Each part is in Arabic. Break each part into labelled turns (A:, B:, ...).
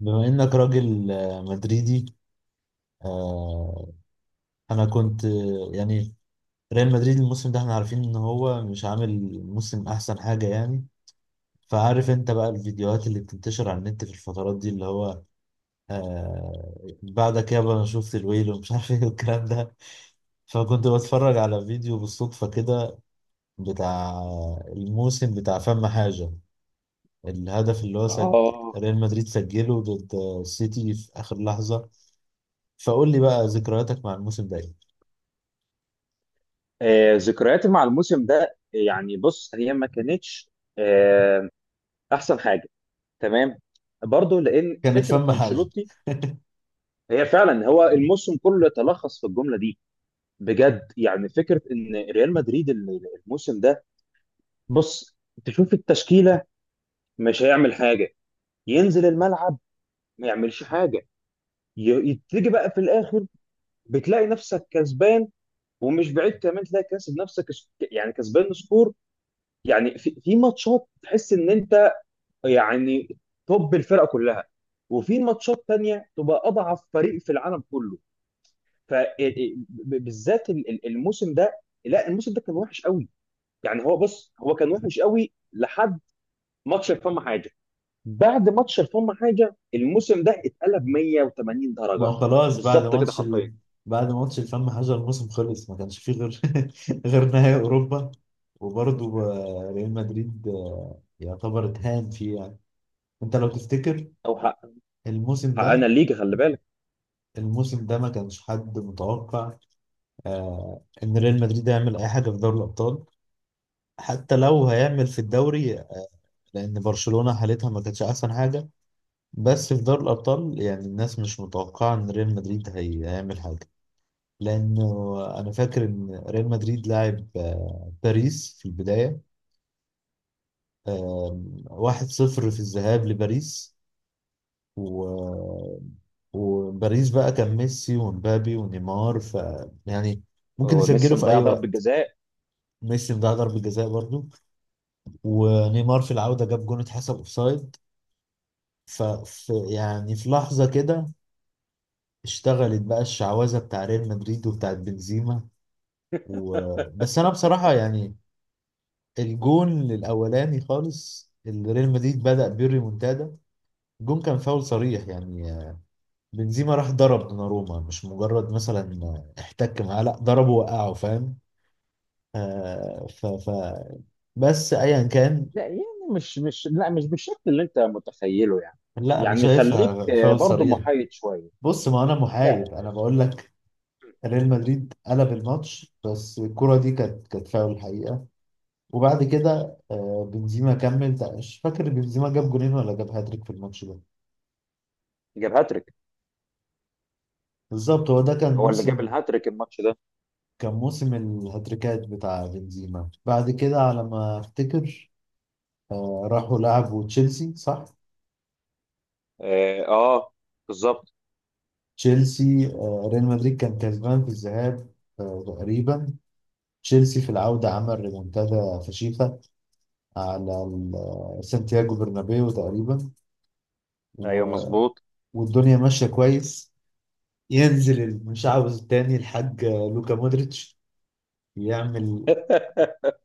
A: بما انك راجل مدريدي. آه، انا كنت، يعني ريال مدريد الموسم ده، احنا عارفين ان هو مش عامل موسم احسن حاجة يعني. فعارف انت بقى الفيديوهات اللي بتنتشر على النت في الفترات دي، اللي هو بعدك يابا انا شفت الويل ومش عارف ايه والكلام ده. فكنت بتفرج على فيديو بالصدفة كده، بتاع الموسم، بتاع فم حاجة. الهدف اللي هو
B: اه
A: ريال مدريد سجله ضد السيتي في آخر لحظة. فقول لي بقى ذكرياتك مع الموسم ده ايه؟
B: ذكرياتي مع الموسم ده يعني بص هي ما كانتش آه، احسن حاجه. تمام، برضو لان
A: كانت
B: فكره
A: فم حاجة.
B: انشيلوتي هي فعلا هو الموسم كله يتلخص في الجمله دي. بجد يعني فكره ان ريال مدريد الموسم ده بص تشوف التشكيله مش هيعمل حاجه، ينزل الملعب ما يعملش حاجه. تيجي بقى في الاخر بتلاقي نفسك كسبان، ومش بعيد كمان تلاقي كاسب نفسك يعني كسبان سكور. يعني في ماتشات تحس ان انت يعني توب الفرقه كلها، وفي ماتشات تانية تبقى اضعف فريق في العالم كله. فبالذات الموسم ده، لا الموسم ده كان وحش قوي. يعني هو بص هو كان وحش قوي لحد ماتش الفم حاجه. بعد ماتش الفم حاجه الموسم ده اتقلب 180
A: ما
B: درجه،
A: هو خلاص
B: بالظبط كده حرفيا.
A: بعد ماتش الفم حاجة الموسم خلص، ما كانش فيه غير غير نهائي أوروبا. وبرضه ريال مدريد يعتبر اتهان فيه يعني. انت لو تفتكر
B: او حق،
A: الموسم
B: حققنا
A: ده
B: الليجا خلي بالك.
A: الموسم ده ما كانش حد متوقع ان ريال مدريد يعمل اي حاجة في دوري الأبطال، حتى لو هيعمل في الدوري، لأن برشلونة حالتها ما كانتش أحسن حاجة. بس في دوري الأبطال، يعني الناس مش متوقعة إن ريال مدريد هيعمل حاجة، لأنه أنا فاكر إن ريال مدريد لعب باريس في البداية 1-0 في الذهاب لباريس. و... وباريس بقى كان ميسي ومبابي ونيمار، يعني ممكن
B: هو ميسي
A: يسجلوا في
B: مضيع
A: أي
B: ضربه
A: وقت.
B: جزاء.
A: ميسي ضيع ضربة جزاء برضو. ونيمار في العودة جاب جون اتحسب أوفسايد. يعني في لحظة كده اشتغلت بقى الشعوذة بتاع ريال مدريد وبتاعت بنزيما. و... بس انا بصراحه يعني الجون الاولاني خالص اللي ريال مدريد بدأ بيه الريمونتادا، الجون كان فاول صريح يعني. بنزيما راح ضرب دوناروما، مش مجرد مثلا احتك معاه، لا، ضربه وقعه، فاهم؟ آه ف... ف بس ايا كان.
B: لا يعني مش بالشكل اللي انت متخيله يعني.
A: لا، انا
B: يعني خليك
A: شايفها فاول
B: برضه
A: صريح.
B: محايد شويه.
A: بص، ما انا
B: لا،
A: محايد، انا
B: ماشي.
A: بقول لك. ريال مدريد قلب الماتش، بس الكرة دي كانت فاول الحقيقة. وبعد كده بنزيما كمل. مش فاكر بنزيما جاب جونين ولا جاب هاتريك في الماتش ده.
B: جاب هاتريك،
A: بالظبط، هو ده
B: هو اللي جاب الهاتريك الماتش ده.
A: كان موسم الهاتريكات بتاع بنزيما. بعد كده، على ما افتكر، راحوا لعبوا تشيلسي، صح.
B: اه، آه، بالظبط.
A: تشيلسي، ريال مدريد كان كسبان في الذهاب تقريبا. تشيلسي في العودة عمل ريمونتادا فشيخة على سانتياغو برنابيو تقريبا.
B: ايوه
A: و-
B: مظبوط.
A: والدنيا ماشية كويس. ينزل المشعوذ التاني، الحاج لوكا مودريتش، يعمل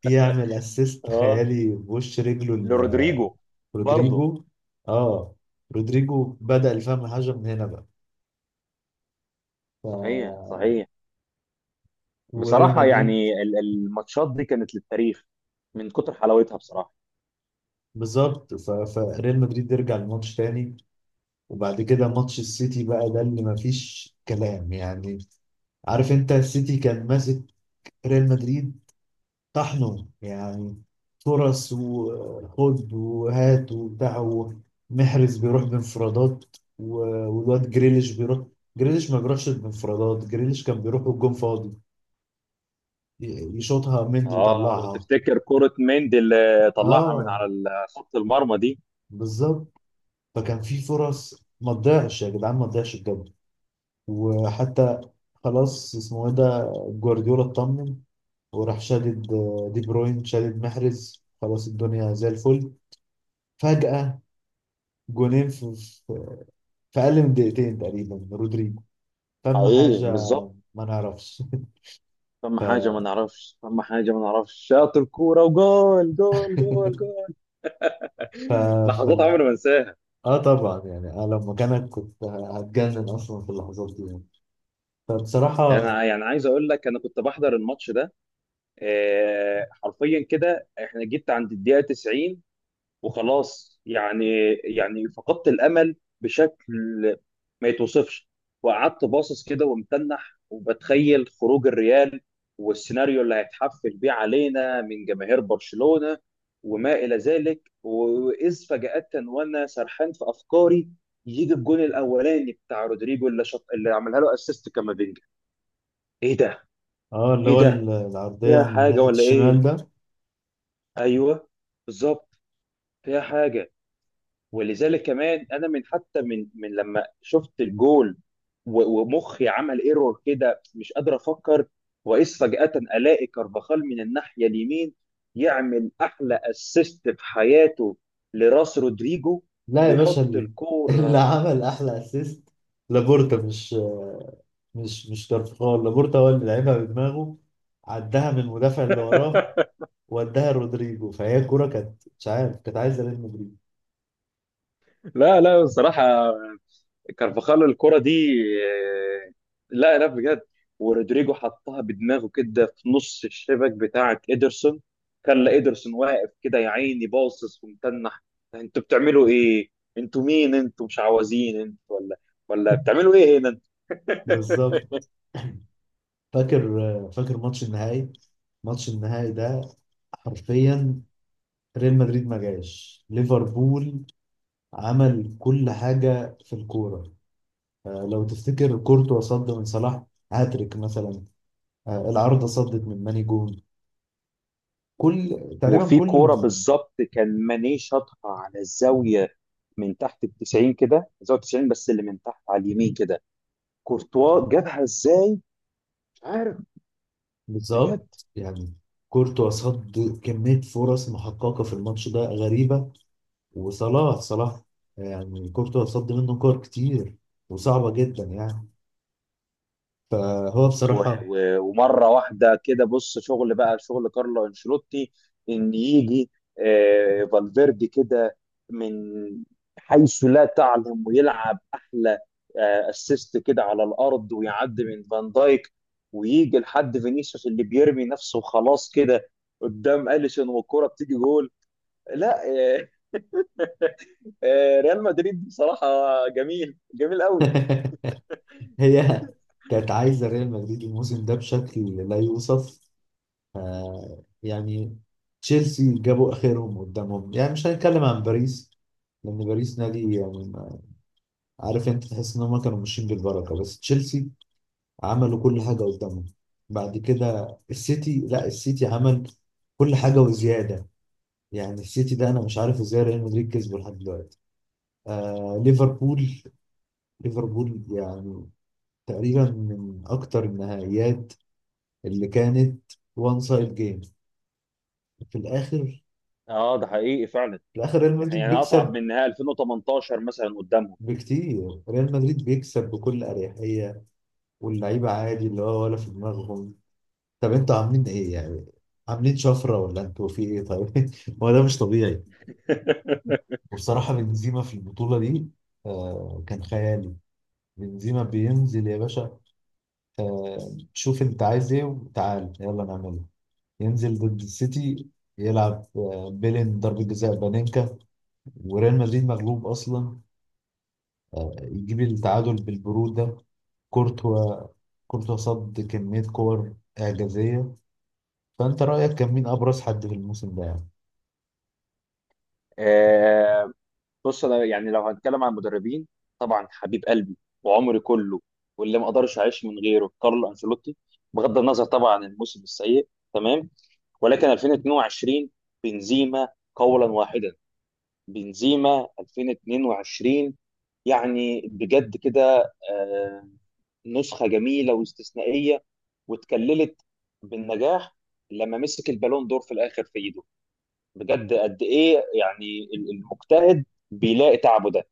A: يعمل اسيست
B: اه،
A: خيالي بوش رجله
B: لرودريجو برضه.
A: رودريجو. اه. رودريجو بدأ الفهم الحاجة من هنا بقى.
B: صحيح
A: ف...
B: صحيح،
A: وريال
B: بصراحه
A: مدريد،
B: يعني الماتشات دي كانت للتاريخ من كتر حلاوتها بصراحه.
A: بالظبط. فريال مدريد يرجع الماتش تاني. وبعد كده ماتش السيتي بقى، ده اللي مفيش كلام يعني. عارف انت السيتي كان ماسك ريال مدريد، طحنه يعني. فرص وخد وهات وبتاع، ومحرز بيروح بانفرادات. و- والواد جريليش بيروح. جريليش ما بيروحش بانفرادات، جريليش كان بيروح والجون فاضي، يشوطها مندي
B: اه،
A: يطلعها.
B: وتفتكر كرة مندي اللي طلعها من
A: اه،
B: على خط المرمى دي؟
A: بالظبط. فكان في فرص، ما تضيعش يا جدعان، ما تضيعش بجد. وحتى خلاص، اسمه ايه ده، جوارديولا، اطمن، وراح شادد دي بروين، شادد محرز، خلاص الدنيا زي الفل. فجأة جونين في اقل من دقيقتين تقريبا من رودريجو. فاهم
B: حقيقي،
A: حاجه؟
B: بالظبط.
A: ما نعرفش.
B: فما حاجة ما نعرفش فما حاجة ما نعرفش، شاطر كورة وجول جول جول جول.
A: ف... ف...
B: لحظات عمري ما انساها.
A: اه، طبعا يعني انا لو مكانك كنت هتجنن اصلا في اللحظات دي يعني.
B: يعني
A: فبصراحه،
B: يعني عايز اقول لك انا كنت بحضر الماتش ده. حرفيا كده احنا جيت عند الدقيقة 90 وخلاص يعني. يعني فقدت الامل بشكل ما يتوصفش. وقعدت باصص كده ومتنح وبتخيل خروج الريال والسيناريو اللي هيتحفل بيه علينا من جماهير برشلونة وما الى ذلك. واذ فجأة وانا سرحان في افكاري، يجي الجون الاولاني بتاع رودريجو اللي اللي عملها له اسيست كامافينجا. ايه ده،
A: اه، اللي
B: ايه
A: هو
B: ده،
A: العرضيه
B: فيها
A: من
B: حاجة
A: ناحيه
B: ولا ايه؟
A: الشمال ده.
B: ايوه بالظبط، فيها حاجة. ولذلك كمان انا من حتى من لما شفت الجول، ومخي عمل ايرور كده مش قادر افكر. واذ فجأة الاقي كارفاخال من الناحية اليمين يعمل احلى اسيست في حياته لراس رودريجو،
A: لا يا باشا،
B: ويحط
A: اللي
B: الكورة.
A: عمل احلى اسيست لابورتا، مش كارفخال، لابورتا هو اللي لعبها بدماغه. عدها من المدافع اللي وراه، وداها رودريجو، فهي الكوره كانت، مش عارف، كانت عايزه ريال مدريد.
B: لا لا بصراحة، كارفاخال الكرة دي آه، لا لا بجد. ورودريجو حطها بدماغه كده في نص الشبك بتاعة إيدرسون، خلى إيدرسون واقف كده يا عيني باصص ومتنح. انتوا بتعملوا ايه؟ انتوا مين، انتوا مش عوازين انتوا ولا بتعملوا ايه هنا؟
A: بالظبط. فاكر، فاكر ماتش النهائي ماتش النهائي ده حرفيا. ريال مدريد ما جاش ليفربول، عمل كل حاجة في الكورة. لو تفتكر كورتوا صد من صلاح هاتريك مثلا. العارضة صدت من ماني جون. كل تقريبا،
B: وفي
A: كل،
B: كورة بالظبط كان ماني شاطها على الزاوية من تحت ال 90 كده، زاوية 90 بس اللي من تحت على اليمين كده. كورتوا جابها ازاي؟ مش عارف، بجد.
A: بالظبط يعني كورتوا صد كمية فرص محققة في الماتش ده غريبة. وصلاح، يعني كورتوا صد منه كور كتير وصعبة جدا يعني. فهو بصراحة.
B: ومره واحده كده بص شغل بقى شغل كارلو انشيلوتي ان يجي فالفيردي كده من حيث لا تعلم ويلعب احلى اسيست كده على الارض ويعدي من فان دايك، ويجي لحد فينيسيوس اللي بيرمي نفسه خلاص كده قدام اليسون والكرة بتيجي جول. لا، ريال مدريد بصراحة جميل جميل قوي.
A: هي كانت عايزة ريال مدريد الموسم ده بشكل لا يوصف، آه يعني. تشيلسي جابوا آخرهم قدامهم يعني، مش هنتكلم عن باريس لأن باريس نادي يعني. عارف أنت، تحس إن هم كانوا ماشيين بالبركة. بس تشيلسي عملوا كل حاجة قدامهم. بعد كده السيتي، لا، السيتي عمل كل حاجة وزيادة. يعني السيتي ده أنا مش عارف إزاي ريال مدريد كسبه لحد دلوقتي. آه، ليفربول يعني تقريبا من أكتر النهائيات اللي كانت وان سايد جيم. في الاخر
B: اه ده حقيقي فعلا.
A: في الاخر ريال مدريد
B: يعني اصعب
A: بيكسب
B: من نهائي 2018 مثلا قدامهم.
A: بكتير. ريال مدريد بيكسب بكل اريحيه، واللعيبه عادي، اللي هو ولا في دماغهم. طب انتوا عاملين ايه يعني؟ عاملين شفره ولا انتوا في ايه طيب؟ هو ده مش طبيعي. وبصراحه بنزيما في البطوله دي، آه، كان خيالي. بنزيما بينزل يا باشا، شوف انت عايز ايه وتعال يلا نعمله. ينزل ضد السيتي، يلعب بيلين ضربة جزاء بانينكا وريال مدريد مغلوب اصلا، يجيب التعادل بالبرود ده. كورتوا كورتوا صد كمية كور اعجازية. فانت رأيك كان مين ابرز حد في الموسم ده يعني؟
B: آه، بص انا يعني لو هنتكلم عن المدربين، طبعا حبيب قلبي وعمري كله واللي ما اقدرش اعيش من غيره كارلو انشيلوتي، بغض النظر طبعا عن الموسم السيء تمام. ولكن 2022 بنزيما، قولا واحدا، بنزيما 2022. يعني بجد كده نسخة جميلة واستثنائية، واتكللت بالنجاح لما مسك البالون دور في الاخر في ايده. بجد قد ايه يعني المجتهد بيلاقي تعبه ده.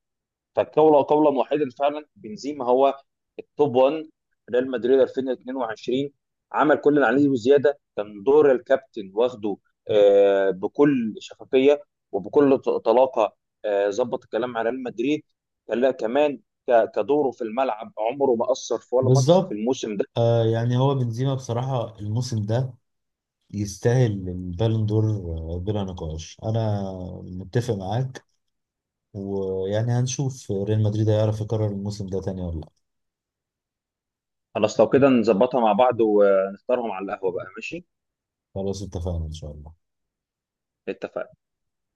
B: فالقول قولا واحدا فعلا بنزيما هو التوب 1. ريال مدريد 2022 عمل كل اللي عليه وزياده، كان دور الكابتن واخده بكل شفافيه، وبكل طلاقه. ظبط الكلام مع ريال مدريد. كمان كدوره في الملعب عمره ما اثر في ولا ماتش في
A: بالظبط.
B: الموسم ده.
A: آه، يعني هو بنزيما بصراحة الموسم ده يستاهل البالون دور، بلا نقاش. أنا متفق معاك. ويعني هنشوف ريال مدريد هيعرف يكرر الموسم ده تاني ولا لأ.
B: خلاص، لو كده نظبطها مع بعض ونختارهم على القهوه بقى، ماشي.
A: خلاص اتفقنا إن شاء الله.
B: اتفقنا.